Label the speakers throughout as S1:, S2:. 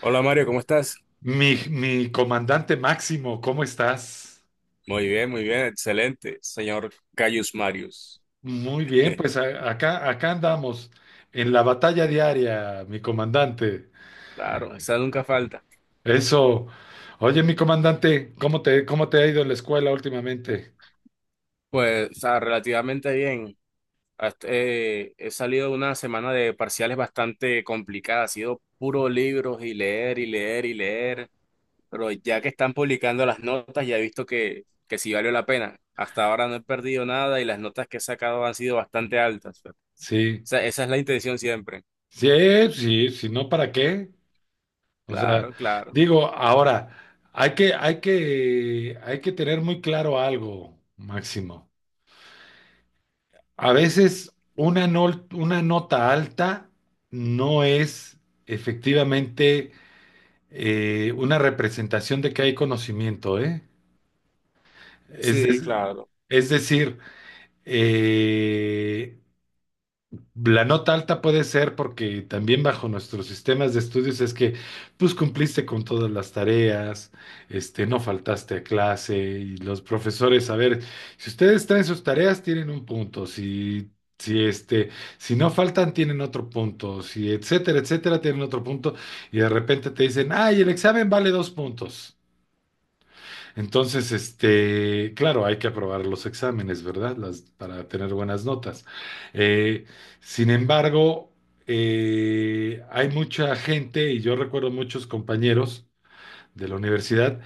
S1: Hola Mario, ¿cómo estás?
S2: Mi comandante Máximo, ¿cómo estás?
S1: Muy bien, excelente, señor Cayus Marius.
S2: Muy bien, pues acá, acá andamos en la batalla diaria, mi comandante.
S1: Claro, esa nunca falta.
S2: Eso. Oye, mi comandante, ¿cómo te ha ido en la escuela últimamente?
S1: Pues, o sea, relativamente bien. He salido de una semana de parciales bastante complicada, ha sido puro libros y leer y leer y leer, pero ya que están publicando las notas, ya he visto que sí valió la pena. Hasta ahora no he perdido nada y las notas que he sacado han sido bastante altas. O
S2: Sí,
S1: sea, esa es la intención siempre.
S2: sí, sí, si no, ¿para qué? O sea,
S1: Claro, claro.
S2: digo, ahora, hay que tener muy claro algo, Máximo. A veces una nota alta no es efectivamente una representación de que hay conocimiento, ¿eh? Es,
S1: Sí,
S2: de-
S1: claro.
S2: es decir, eh, la nota alta puede ser porque también bajo nuestros sistemas de estudios es que pues cumpliste con todas las tareas, este, no faltaste a clase y los profesores, a ver, si ustedes traen sus tareas tienen un punto, si este, si no faltan tienen otro punto, si etcétera, etcétera tienen otro punto y de repente te dicen, "Ay, el examen vale 2 puntos." Entonces, este, claro, hay que aprobar los exámenes, ¿verdad? Las, para tener buenas notas. Eh, sin embargo, hay mucha gente, y yo recuerdo muchos compañeros de la universidad,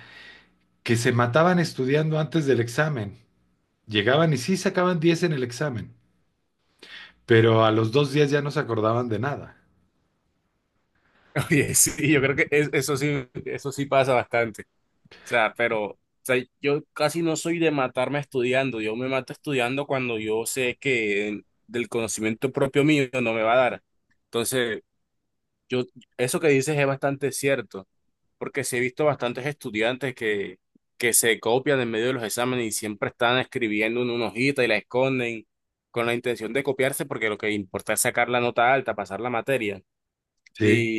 S2: que se mataban estudiando antes del examen. Llegaban y sí sacaban 10 en el examen, pero a los 2 días ya no se acordaban de nada.
S1: Oye, sí, yo creo que eso sí pasa bastante. O sea, pero, o sea, yo casi no soy de matarme estudiando. Yo me mato estudiando cuando yo sé que del conocimiento propio mío no me va a dar. Entonces, yo, eso que dices es bastante cierto, porque sí he visto bastantes estudiantes que se copian en medio de los exámenes y siempre están escribiendo en una hojita y la esconden con la intención de copiarse porque lo que importa es sacar la nota alta, pasar la materia.
S2: Sí,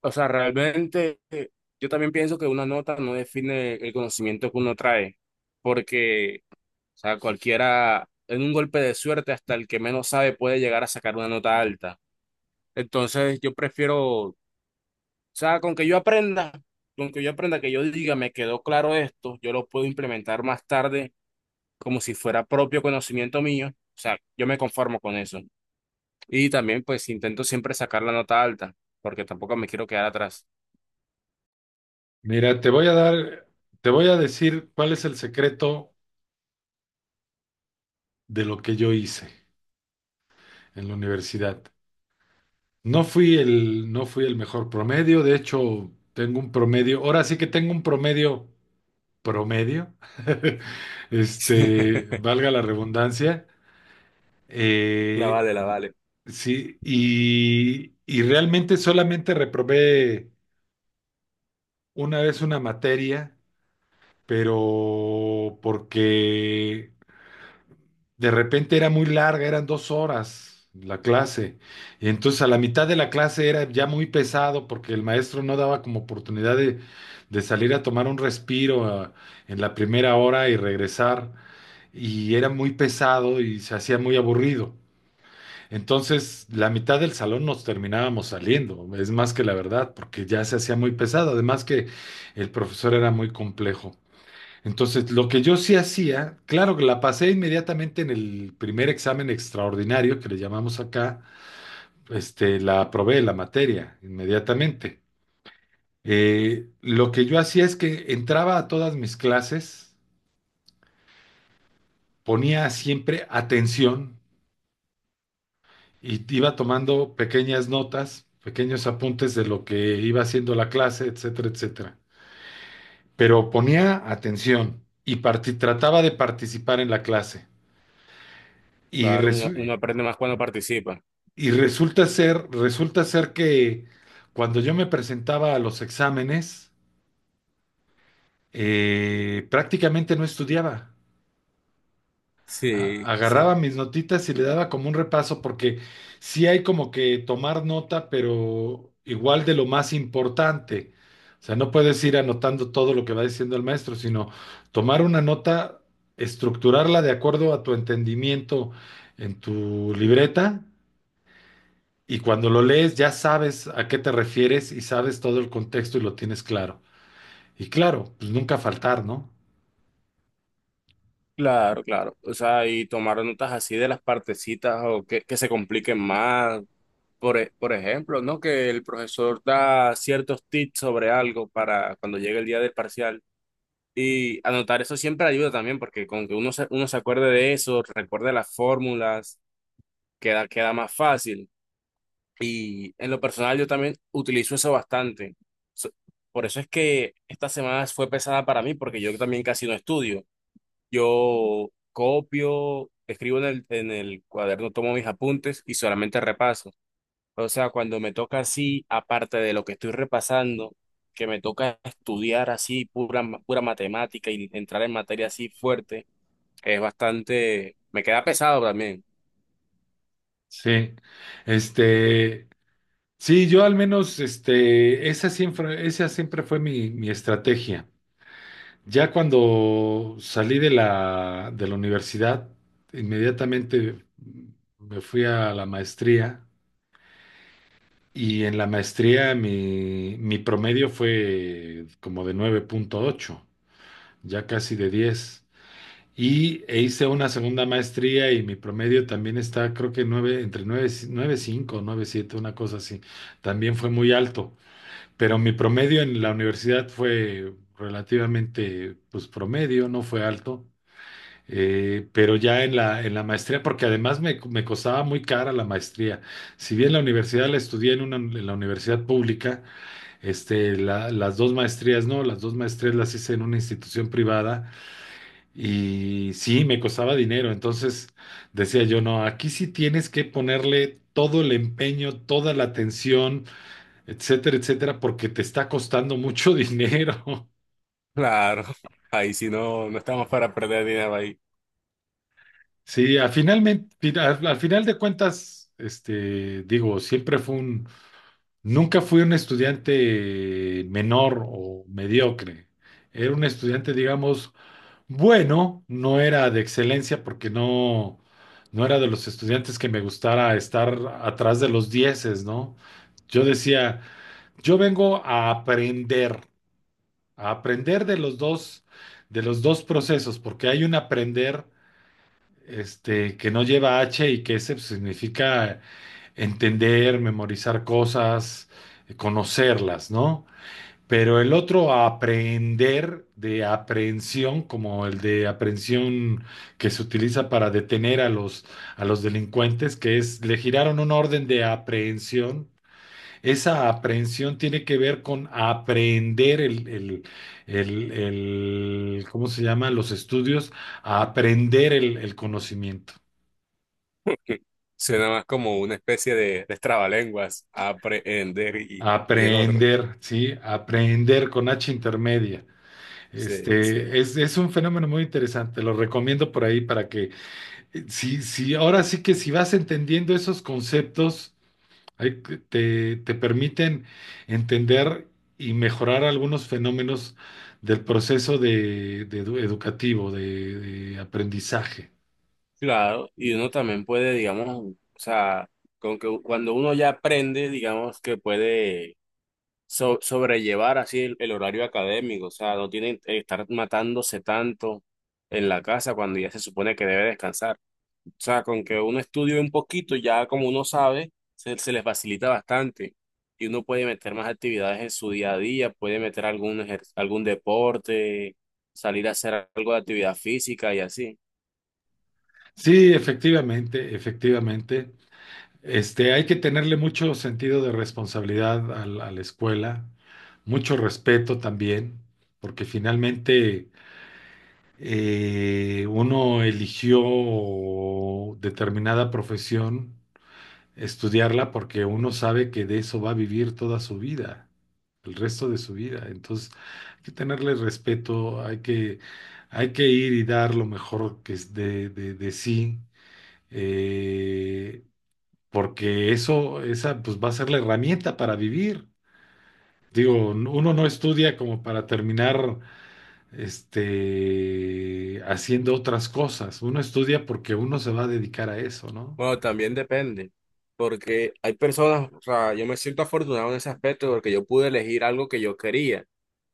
S1: O sea, realmente yo también pienso que una nota no define el conocimiento que uno trae, porque, o sea, cualquiera, en un golpe de suerte, hasta el que menos sabe puede llegar a sacar una nota alta. Entonces, yo prefiero, o sea, con que yo aprenda, que yo diga, me quedó claro esto, yo lo puedo implementar más tarde como si fuera propio conocimiento mío. O sea, yo me conformo con eso. Y también, pues, intento siempre sacar la nota alta, porque tampoco me quiero quedar atrás.
S2: mira, te voy a dar, te voy a decir cuál es el secreto de lo que yo hice en la universidad. No fui el mejor promedio, de hecho tengo un promedio, ahora sí que tengo un promedio promedio, este, valga la redundancia,
S1: La
S2: eh,
S1: vale, la vale.
S2: sí, y realmente solamente reprobé una vez una materia, pero porque de repente era muy larga, eran 2 horas la clase. Y entonces a la mitad de la clase era ya muy pesado porque el maestro no daba como oportunidad de salir a tomar un respiro en la primera hora y regresar. Y era muy pesado y se hacía muy aburrido. Entonces la mitad del salón nos terminábamos saliendo, es más que la verdad, porque ya se hacía muy pesado. Además que el profesor era muy complejo. Entonces, lo que yo sí hacía, claro que la pasé inmediatamente en el primer examen extraordinario que le llamamos acá, este, la aprobé la materia inmediatamente. Lo que yo hacía es que entraba a todas mis clases, ponía siempre atención y iba tomando pequeñas notas, pequeños apuntes de lo que iba haciendo la clase, etcétera, etcétera. Pero ponía atención y trataba de participar en la clase. Y
S1: Claro, uno
S2: resu-
S1: aprende más cuando participa.
S2: Y resulta ser que cuando yo me presentaba a los exámenes, prácticamente no estudiaba. A-
S1: Sí,
S2: Agarraba
S1: sí.
S2: mis notitas y le daba como un repaso porque sí hay como que tomar nota, pero igual de lo más importante. O sea, no puedes ir anotando todo lo que va diciendo el maestro, sino tomar una nota, estructurarla de acuerdo a tu entendimiento en tu libreta. Y cuando lo lees ya sabes a qué te refieres y sabes todo el contexto y lo tienes claro. Y claro, pues nunca faltar, ¿no?
S1: Claro, claro. O sea, y tomar notas así de las partecitas o que se compliquen más. Por, por ejemplo, ¿no? Que el profesor da ciertos tips sobre algo para cuando llegue el día del parcial. Y anotar eso siempre ayuda también, porque con que uno se acuerde de eso, recuerde las fórmulas, queda más fácil. Y en lo personal yo también utilizo eso bastante. So- Por eso es que esta semana fue pesada para mí porque yo también casi no estudio. Yo copio, escribo en el cuaderno, tomo mis apuntes y solamente repaso. O sea, cuando me toca así, aparte de lo que estoy repasando, que me toca estudiar así pura matemática y entrar en materia así fuerte, es bastante, me queda pesado también.
S2: Sí. Este, sí, yo al menos, este, esa siempre fue mi estrategia. Ya cuando salí de de la universidad, inmediatamente me fui a la maestría y en la maestría mi promedio fue como de 9.8, ya casi de 10. Y e hice una segunda maestría y mi promedio también está, creo que 9, entre nueve nueve cinco nueve siete, una cosa así. También fue muy alto, pero mi promedio en la universidad fue relativamente, pues promedio, no fue alto. Pero ya en en la maestría, porque me costaba muy cara la maestría. Si bien la universidad la estudié en, una, en la universidad pública, este, las 2 maestrías no, las 2 maestrías las hice en una institución privada y sí, me costaba dinero, entonces decía yo, no, aquí sí tienes que ponerle todo el empeño, toda la atención, etcétera, etcétera, porque te está costando mucho dinero.
S1: Claro, ahí si no, no estamos para perder dinero ahí.
S2: Sí, a finalmente, al final de cuentas, este, digo, nunca fui un estudiante menor o mediocre. Era un estudiante, digamos, bueno, no era de excelencia porque no, no era de los estudiantes que me gustara estar atrás de los dieces, ¿no? Yo decía, yo vengo a aprender de los dos procesos, porque hay un aprender, este, que no lleva H y que ese pues, significa entender, memorizar cosas, conocerlas, ¿no? Pero el otro aprehender de aprehensión, como el de aprehensión que se utiliza para detener a los delincuentes, que es, le giraron una orden de aprehensión. Esa aprehensión tiene que ver con aprender ¿cómo se llama? Los estudios, a aprender el conocimiento.
S1: Suena más como una especie de trabalenguas, aprender y el otro.
S2: Aprender, sí, aprender con H intermedia.
S1: Sí, sí.
S2: Este, es un fenómeno muy interesante, lo recomiendo por ahí para que sí, sí, ahora sí que si vas entendiendo esos conceptos, ahí te permiten entender y mejorar algunos fenómenos del de educativo, de aprendizaje.
S1: Claro, y uno también puede, digamos, o sea, con que cuando uno ya aprende, digamos que puede sobrellevar así el horario académico, o sea, no tiene que estar matándose tanto en la casa cuando ya se supone que debe descansar. O sea, con que uno estudie un poquito, ya como uno sabe, se les facilita bastante. Y uno puede meter más actividades en su día a día, puede meter algún deporte, salir a hacer algo de actividad física y así.
S2: Sí, efectivamente, efectivamente. Este, hay que tenerle mucho sentido de responsabilidad a la escuela, mucho respeto también, porque finalmente uno eligió determinada profesión, estudiarla porque uno sabe que de eso va a vivir toda su vida, el resto de su vida. Entonces, hay que tenerle respeto, hay que ir y dar lo mejor que es de sí, eh, porque esa, pues va a ser la herramienta para vivir. Digo, uno no estudia como para terminar este, haciendo otras cosas. Uno estudia porque uno se va a dedicar a eso, ¿no?
S1: Bueno, también depende, porque hay personas, o sea, yo me siento afortunado en ese aspecto porque yo pude elegir algo que yo quería,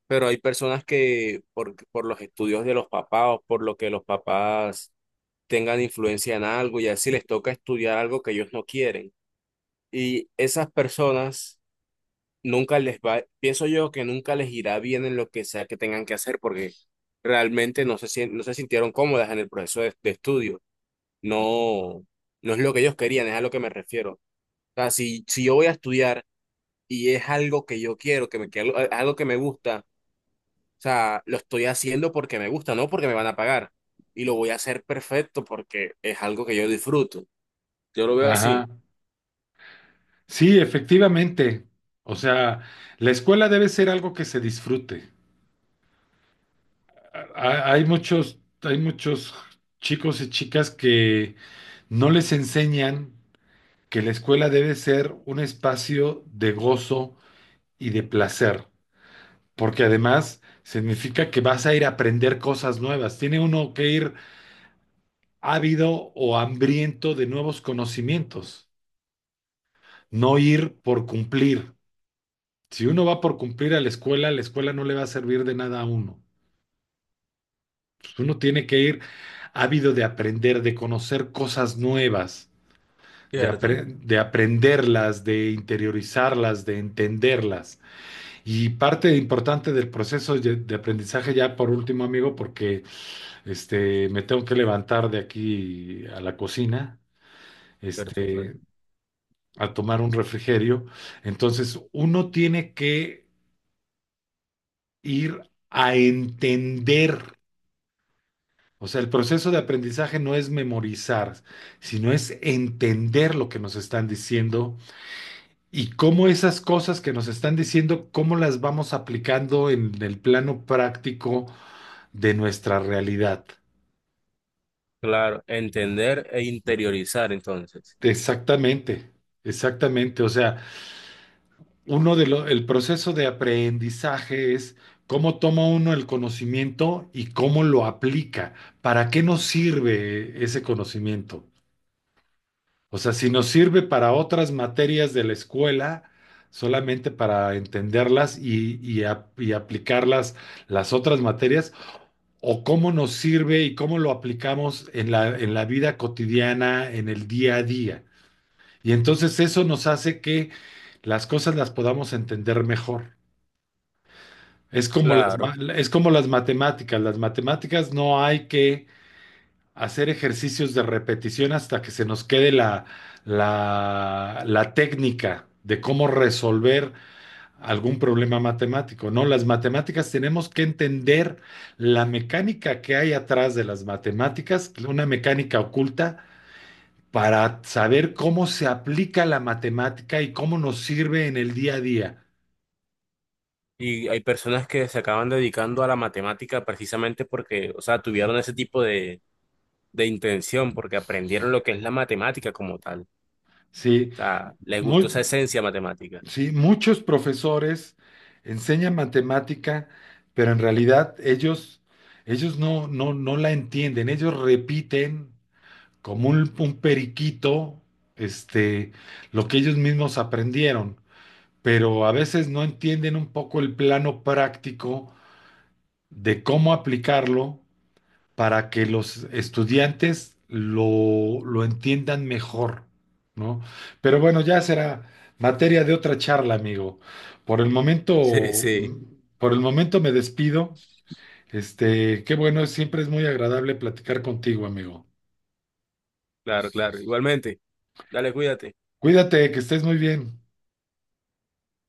S1: pero hay personas que por los estudios de los papás o por lo que los papás tengan influencia en algo y así les toca estudiar algo que ellos no quieren. Y esas personas nunca les va, pienso yo que nunca les irá bien en lo que sea que tengan que hacer porque realmente no se sintieron cómodas en el proceso de estudio. No, no es lo que ellos querían, es a lo que me refiero. O sea, si yo voy a estudiar y es algo que yo quiero, que me, que algo, algo que me gusta, o sea, lo estoy haciendo porque me gusta, no porque me van a pagar. Y lo voy a hacer perfecto porque es algo que yo disfruto. Yo lo veo así.
S2: Ajá. Sí, efectivamente. O sea, la escuela debe ser algo que se disfrute. Hay hay muchos chicos y chicas que no les enseñan que la escuela debe ser un espacio de gozo y de placer, porque además significa que vas a ir a aprender cosas nuevas. Tiene uno que ir ávido o hambriento de nuevos conocimientos, no ir por cumplir. Si uno va por cumplir a la escuela no le va a servir de nada a uno. Pues, uno tiene que ir ávido de aprender, de conocer cosas nuevas,
S1: Cierto.
S2: de aprenderlas, de interiorizarlas, de entenderlas. Y parte importante del de aprendizaje, ya por último, amigo, porque este, me tengo que levantar de aquí a la cocina. Este, a tomar un refrigerio. Entonces, uno tiene que ir a entender. O sea, el proceso de aprendizaje no es memorizar, sino es entender lo que nos están diciendo y cómo esas cosas que nos están diciendo, cómo las vamos aplicando en el plano práctico de nuestra realidad.
S1: Claro, entender e interiorizar entonces.
S2: Exactamente, exactamente. O sea, el proceso de aprendizaje es cómo toma uno el conocimiento y cómo lo aplica. ¿Para qué nos sirve ese conocimiento? O sea, si nos sirve para otras materias de la escuela, solamente para entenderlas y aplicarlas las otras materias, o cómo nos sirve y cómo lo aplicamos en en la vida cotidiana, en el día a día. Y entonces eso nos hace que las cosas las podamos entender mejor.
S1: Claro.
S2: Es como las matemáticas. Las matemáticas no hay que hacer ejercicios de repetición hasta que se nos quede la técnica de cómo resolver algún problema matemático. No, las matemáticas tenemos que entender la mecánica que hay atrás de las matemáticas, una mecánica oculta, para saber cómo se aplica la matemática y cómo nos sirve en el día a día.
S1: Y hay personas que se acaban dedicando a la matemática precisamente porque, o sea, tuvieron ese tipo de intención, porque aprendieron lo que es la matemática como tal. O
S2: Sí,
S1: sea, les gustó
S2: muy.
S1: esa esencia matemática.
S2: Sí, muchos profesores enseñan matemática, pero en realidad ellos, no la entienden, ellos repiten como un periquito, este, lo que ellos mismos aprendieron, pero a veces no entienden un poco el plano práctico de cómo aplicarlo para que los estudiantes lo entiendan mejor, ¿no? Pero bueno, ya será materia de otra charla, amigo. Por el
S1: Sí,
S2: momento,
S1: sí,
S2: por el momento me despido. Este, qué bueno, siempre es muy agradable platicar contigo, amigo.
S1: claro, claro. Igualmente, dale, cuídate.
S2: Cuídate, que estés muy bien.